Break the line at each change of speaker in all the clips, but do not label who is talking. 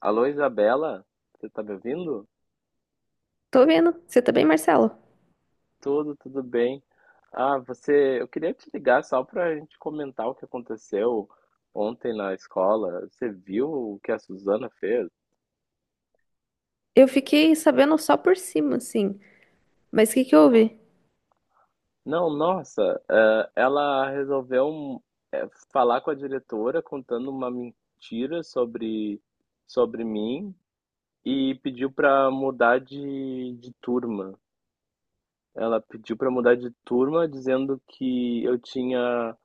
Alô, Isabela, você tá me ouvindo?
Tô vendo. Você tá bem, Marcelo?
Tudo bem. Ah, você, eu queria te ligar só pra gente comentar o que aconteceu ontem na escola. Você viu o que a Suzana fez?
Eu fiquei sabendo só por cima, assim. Mas o que que houve?
Não, nossa, ela resolveu falar com a diretora contando uma mentira sobre mim e pediu pra mudar de turma. Ela pediu pra mudar de turma dizendo que eu tinha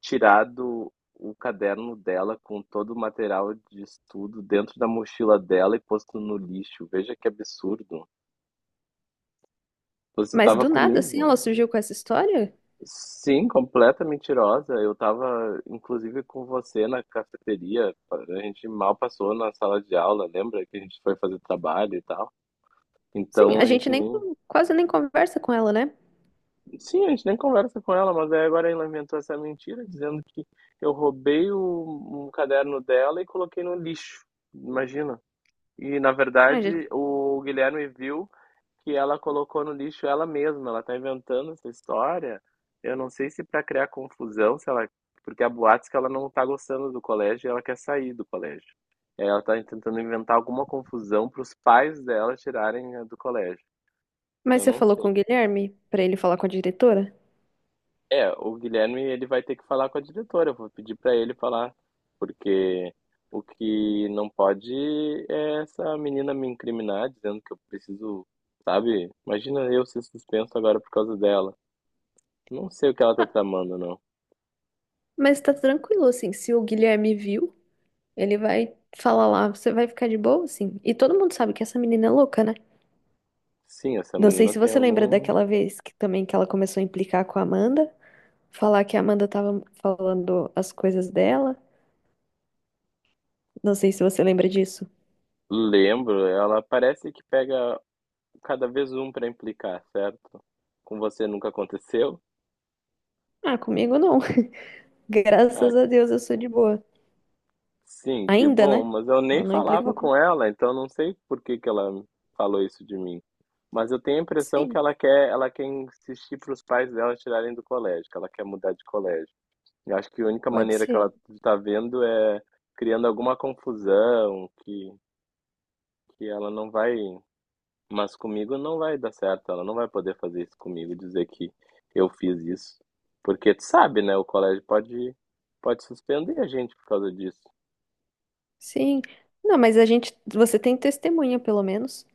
tirado o caderno dela com todo o material de estudo dentro da mochila dela e posto no lixo. Veja que absurdo. Você
Mas
estava
do nada, assim,
comigo?
ela surgiu com essa história?
Sim, completa mentirosa. Eu estava, inclusive, com você na cafeteria. A gente mal passou na sala de aula, lembra que a gente foi fazer trabalho e tal?
Sim,
Então
a
a
gente
gente
nem
nem.
quase nem conversa com ela, né?
Sim, a gente nem conversa com ela, mas aí agora ela inventou essa mentira dizendo que eu roubei um caderno dela e coloquei no lixo. Imagina. E, na
Ah,
verdade,
gente.
o Guilherme viu que ela colocou no lixo ela mesma. Ela tá inventando essa história. Eu não sei se para criar confusão, se ela, porque há boatos que ela não tá gostando do colégio e ela quer sair do colégio. É, ela tá tentando inventar alguma confusão para os pais dela tirarem do colégio.
Mas
Eu
você
não
falou com o
sei.
Guilherme pra ele falar com a diretora?
É, o Guilherme ele vai ter que falar com a diretora. Eu vou pedir para ele falar, porque o que não pode é essa menina me incriminar dizendo que eu preciso, sabe? Imagina eu ser suspenso agora por causa dela. Não sei o que ela tá tramando, não.
Mas tá tranquilo, assim. Se o Guilherme viu, ele vai falar lá. Você vai ficar de boa, assim. E todo mundo sabe que essa menina é louca, né?
Sim, essa
Não sei
menina
se
tem
você lembra
algum.
daquela vez que também que ela começou a implicar com a Amanda, falar que a Amanda tava falando as coisas dela. Não sei se você lembra disso.
Lembro, ela parece que pega cada vez um para implicar, certo? Com você nunca aconteceu?
Ah, comigo não.
Ah,
Graças a Deus eu sou de boa.
sim, que
Ainda, né?
bom, mas eu
Ela
nem
não implicou
falava
com...
com ela, então não sei por que que ela falou isso de mim. Mas eu tenho a impressão
Sim,
que ela quer insistir para os pais dela tirarem do colégio, que ela quer mudar de colégio. Eu acho que a única
pode
maneira que
ser.
ela está vendo é criando alguma confusão, que ela não vai, mas comigo não vai dar certo, ela não vai poder fazer isso comigo, dizer que eu fiz isso. Porque tu sabe, né? O colégio pode suspender a gente por causa disso.
Sim. Não, mas a gente, você tem testemunha, pelo menos.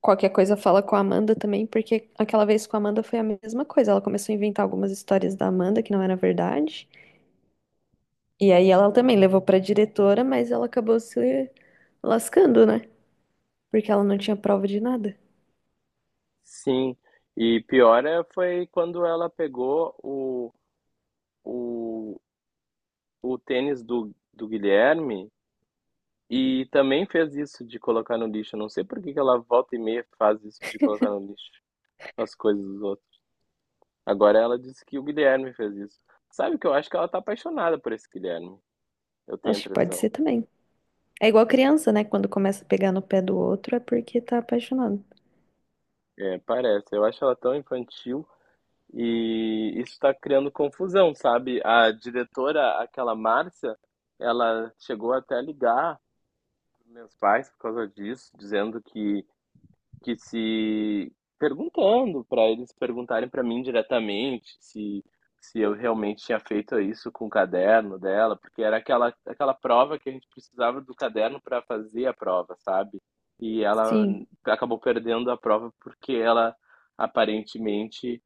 Qualquer coisa fala com a Amanda também, porque aquela vez com a Amanda foi a mesma coisa. Ela começou a inventar algumas histórias da Amanda que não era verdade. E aí ela também levou pra diretora, mas ela acabou se lascando, né? Porque ela não tinha prova de nada.
Sim, e pior é foi quando ela pegou o, o tênis do Guilherme e também fez isso de colocar no lixo. Eu não sei por que que ela volta e meia faz isso de colocar no lixo as coisas dos outros. Agora ela disse que o Guilherme fez isso. Sabe que eu acho que ela tá apaixonada por esse Guilherme. Eu tenho a
Acho que pode
impressão.
ser também. É igual criança, né? Quando começa a pegar no pé do outro é porque tá apaixonado.
É, parece. Eu acho ela tão infantil e isso está criando confusão, sabe? A diretora, aquela Márcia, ela chegou até a ligar mensais por causa disso, dizendo que se perguntando para eles perguntarem para mim diretamente se eu realmente tinha feito isso com o caderno dela, porque era aquela prova que a gente precisava do caderno para fazer a prova, sabe? E ela
Sim,
acabou perdendo a prova porque ela aparentemente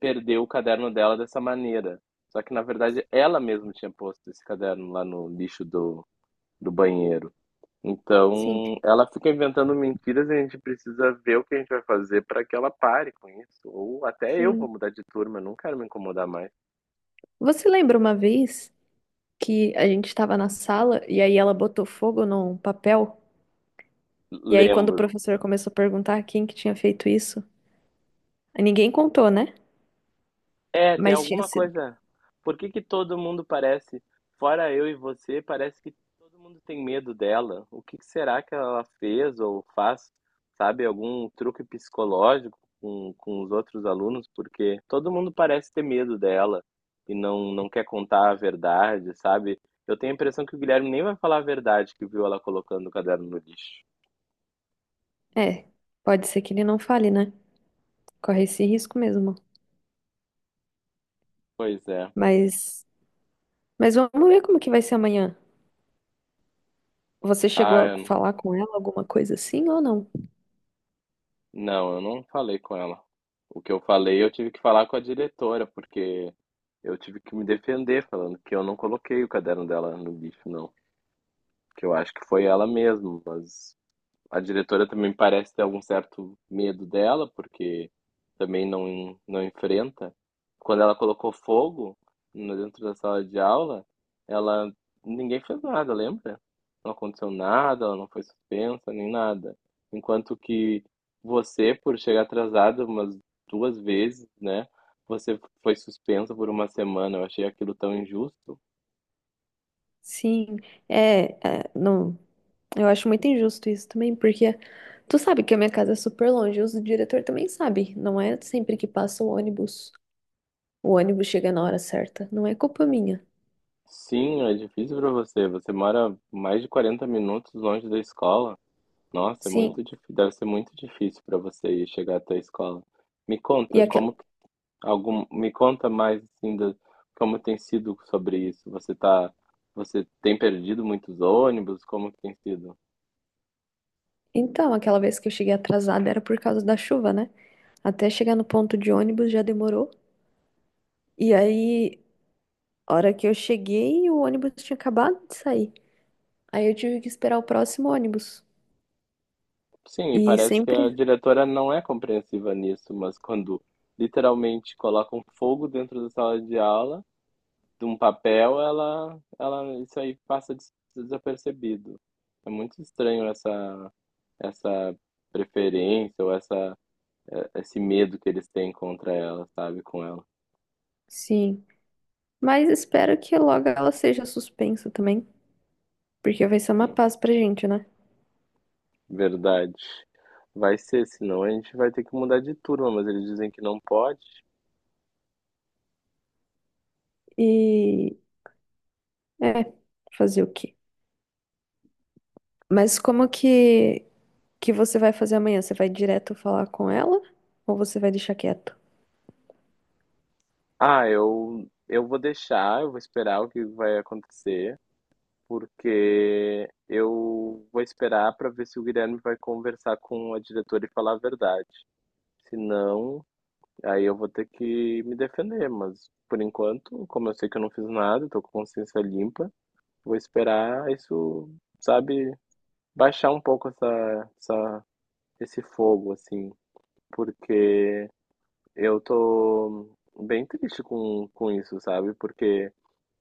perdeu o caderno dela dessa maneira. Só que na verdade ela mesma tinha posto esse caderno lá no lixo do banheiro.
sim,
Então, ela fica inventando mentiras e a gente precisa ver o que a gente vai fazer para que ela pare com isso. Ou até eu vou
sim.
mudar de turma, eu não quero me incomodar mais.
Você lembra uma vez que a gente estava na sala e aí ela botou fogo num papel? E aí quando o
Lembro.
professor começou a perguntar quem que tinha feito isso, ninguém contou, né?
É, tem
Mas tinha
alguma
sido.
coisa. Por que que todo mundo parece, fora eu e você, parece que todo mundo tem medo dela? O que que será que ela fez ou faz? Sabe, algum truque psicológico com os outros alunos? Porque todo mundo parece ter medo dela e não quer contar a verdade, sabe? Eu tenho a impressão que o Guilherme nem vai falar a verdade que viu ela colocando o caderno no lixo.
É, pode ser que ele não fale, né? Corre esse risco mesmo.
Pois é.
Mas, mas vamos ver como que vai ser amanhã. Você chegou
Ah,
a falar com ela alguma coisa assim ou não?
não, eu não falei com ela. O que eu falei, eu tive que falar com a diretora, porque eu tive que me defender falando que eu não coloquei o caderno dela no lixo, não. Que eu acho que foi ela mesma, mas a diretora também parece ter algum certo medo dela, porque também não enfrenta. Quando ela colocou fogo dentro da sala de aula, ela ninguém fez nada, lembra? Não aconteceu nada, ela não foi suspensa, nem nada. Enquanto que você, por chegar atrasada umas duas vezes, né? Você foi suspensa por uma semana. Eu achei aquilo tão injusto.
Sim, é, é, não. Eu acho muito injusto isso também, porque tu sabe que a minha casa é super longe, o diretor também sabe. Não é sempre que passa o ônibus. O ônibus chega na hora certa. Não é culpa minha.
Sim, é difícil para você. Você mora mais de 40 minutos longe da escola. Nossa, é
Sim.
muito difí deve ser muito difícil para você ir chegar até a escola. Me
E
conta
aquela...
como que algum, me conta mais assim da, como tem sido sobre isso. Você tá, você tem perdido muitos ônibus? Como que tem sido?
Então, aquela vez que eu cheguei atrasada era por causa da chuva, né? Até chegar no ponto de ônibus já demorou. E aí, a hora que eu cheguei, o ônibus tinha acabado de sair. Aí eu tive que esperar o próximo ônibus.
Sim, e
E
parece que
sempre,
a diretora não é compreensiva nisso, mas quando literalmente colocam fogo dentro da sala de aula, de um papel, ela, isso aí passa desapercebido. É muito estranho essa preferência ou essa esse medo que eles têm contra ela, sabe? Com ela.
sim. Mas espero que logo ela seja suspensa também, porque vai ser uma
Hum,
paz pra gente, né?
Verdade. Vai ser, senão a gente vai ter que mudar de turma, mas eles dizem que não pode.
E é, fazer o quê? Mas como que você vai fazer amanhã? Você vai direto falar com ela ou você vai deixar quieto?
Ah, eu vou deixar, eu vou esperar o que vai acontecer, porque eu vou esperar para ver se o Guilherme vai conversar com a diretora e falar a verdade. Se não, aí eu vou ter que me defender, mas por enquanto, como eu sei que eu não fiz nada, tô com consciência limpa, vou esperar isso, sabe, baixar um pouco esse fogo, assim, porque eu tô bem triste com isso, sabe? Porque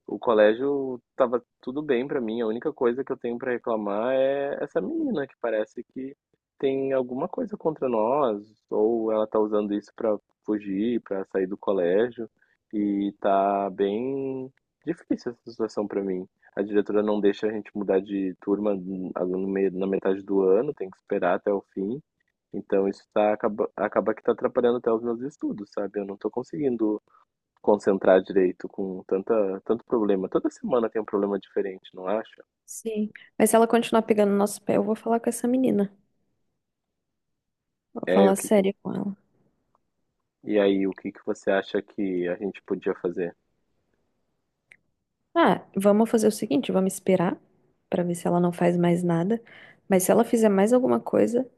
o colégio tava tudo bem pra mim. A única coisa que eu tenho pra reclamar é essa menina que parece que tem alguma coisa contra nós, ou ela tá usando isso pra fugir, pra sair do colégio, e tá bem difícil essa situação pra mim. A diretora não deixa a gente mudar de turma no no meio- na metade do ano, tem que esperar até o fim. Então isso tá, acaba, acaba que tá atrapalhando até os meus estudos, sabe? Eu não tô conseguindo concentrar direito com tanta, tanto problema. Toda semana tem um problema diferente, não acha?
Sim. Mas se ela continuar pegando no nosso pé, eu vou falar com essa menina. Vou
É,
falar
o que que...
sério com ela.
E aí, o que que você acha que a gente podia fazer?
Ah, vamos fazer o seguinte, vamos esperar pra ver se ela não faz mais nada. Mas se ela fizer mais alguma coisa,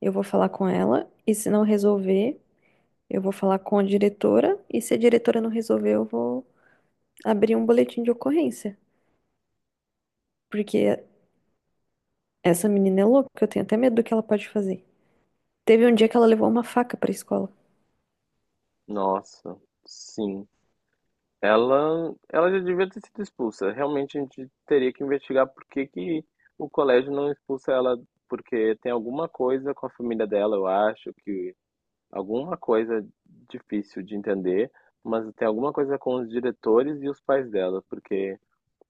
eu vou falar com ela e se não resolver, eu vou falar com a diretora e se a diretora não resolver, eu vou abrir um boletim de ocorrência. Porque essa menina é louca, eu tenho até medo do que ela pode fazer. Teve um dia que ela levou uma faca pra escola.
Nossa, sim. Ela já devia ter sido expulsa. Realmente a gente teria que investigar por que que o colégio não expulsa ela, porque tem alguma coisa com a família dela, eu acho que alguma coisa difícil de entender, mas tem alguma coisa com os diretores e os pais dela, porque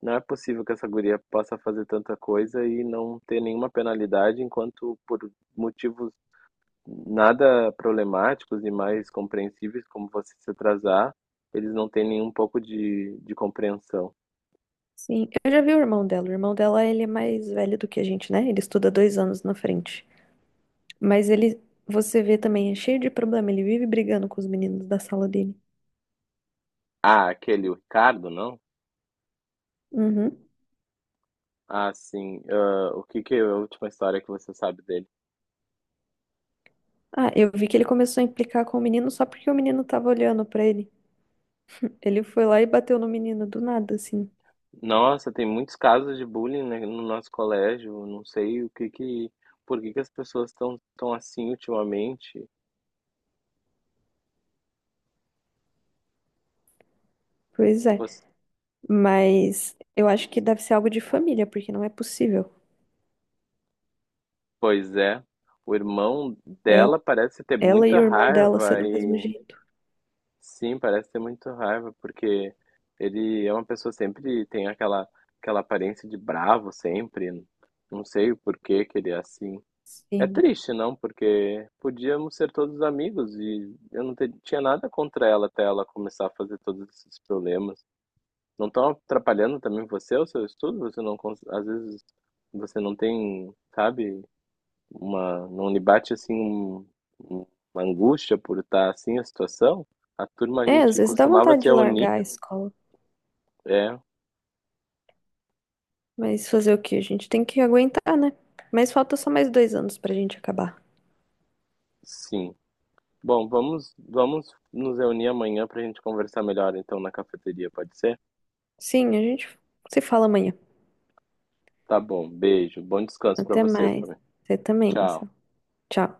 não é possível que essa guria possa fazer tanta coisa e não ter nenhuma penalidade, enquanto por motivos nada problemáticos e mais compreensíveis, como você se atrasar, eles não têm nenhum pouco de compreensão.
Sim, eu já vi o irmão dela. O irmão dela, ele é mais velho do que a gente, né? Ele estuda 2 anos na frente. Mas ele, você vê também, é cheio de problema. Ele vive brigando com os meninos da sala dele.
Ah, aquele, o Ricardo, não?
Uhum.
Ah, sim. Ah, o que que é a última história que você sabe dele?
Ah, eu vi que ele começou a implicar com o menino só porque o menino tava olhando pra ele. Ele foi lá e bateu no menino do nada, assim.
Nossa, tem muitos casos de bullying, né, no nosso colégio. Não sei o que que, por que que as pessoas estão tão assim ultimamente.
Pois é. Mas eu acho que deve ser algo de família, porque não é possível.
Pois é. O irmão
Ela,
dela parece ter
ela e
muita
o irmão dela ser
raiva
do mesmo
e
jeito.
sim, parece ter muita raiva porque ele é uma pessoa sempre tem aquela aparência de bravo sempre. Não sei o porquê que ele é assim. É
Sim.
triste, não, porque podíamos ser todos amigos e eu tinha nada contra ela até ela começar a fazer todos esses problemas. Não estão atrapalhando também você, o seu estudo? Você não, às vezes você não tem, sabe? Uma, não lhe bate assim um- uma angústia por estar assim a situação? A turma a
É, às
gente
vezes dá
costumava
vontade
se
de
reunir,
largar a escola.
é,
Mas fazer o quê? A gente tem que aguentar, né? Mas falta só mais 2 anos pra gente acabar.
sim. Bom, vamos nos reunir amanhã para a gente conversar melhor então na cafeteria, pode ser?
Sim, a gente se fala amanhã.
Tá bom, beijo, bom descanso para
Até
você
mais.
também.
Você também,
Tchau.
Marcelo. Tchau.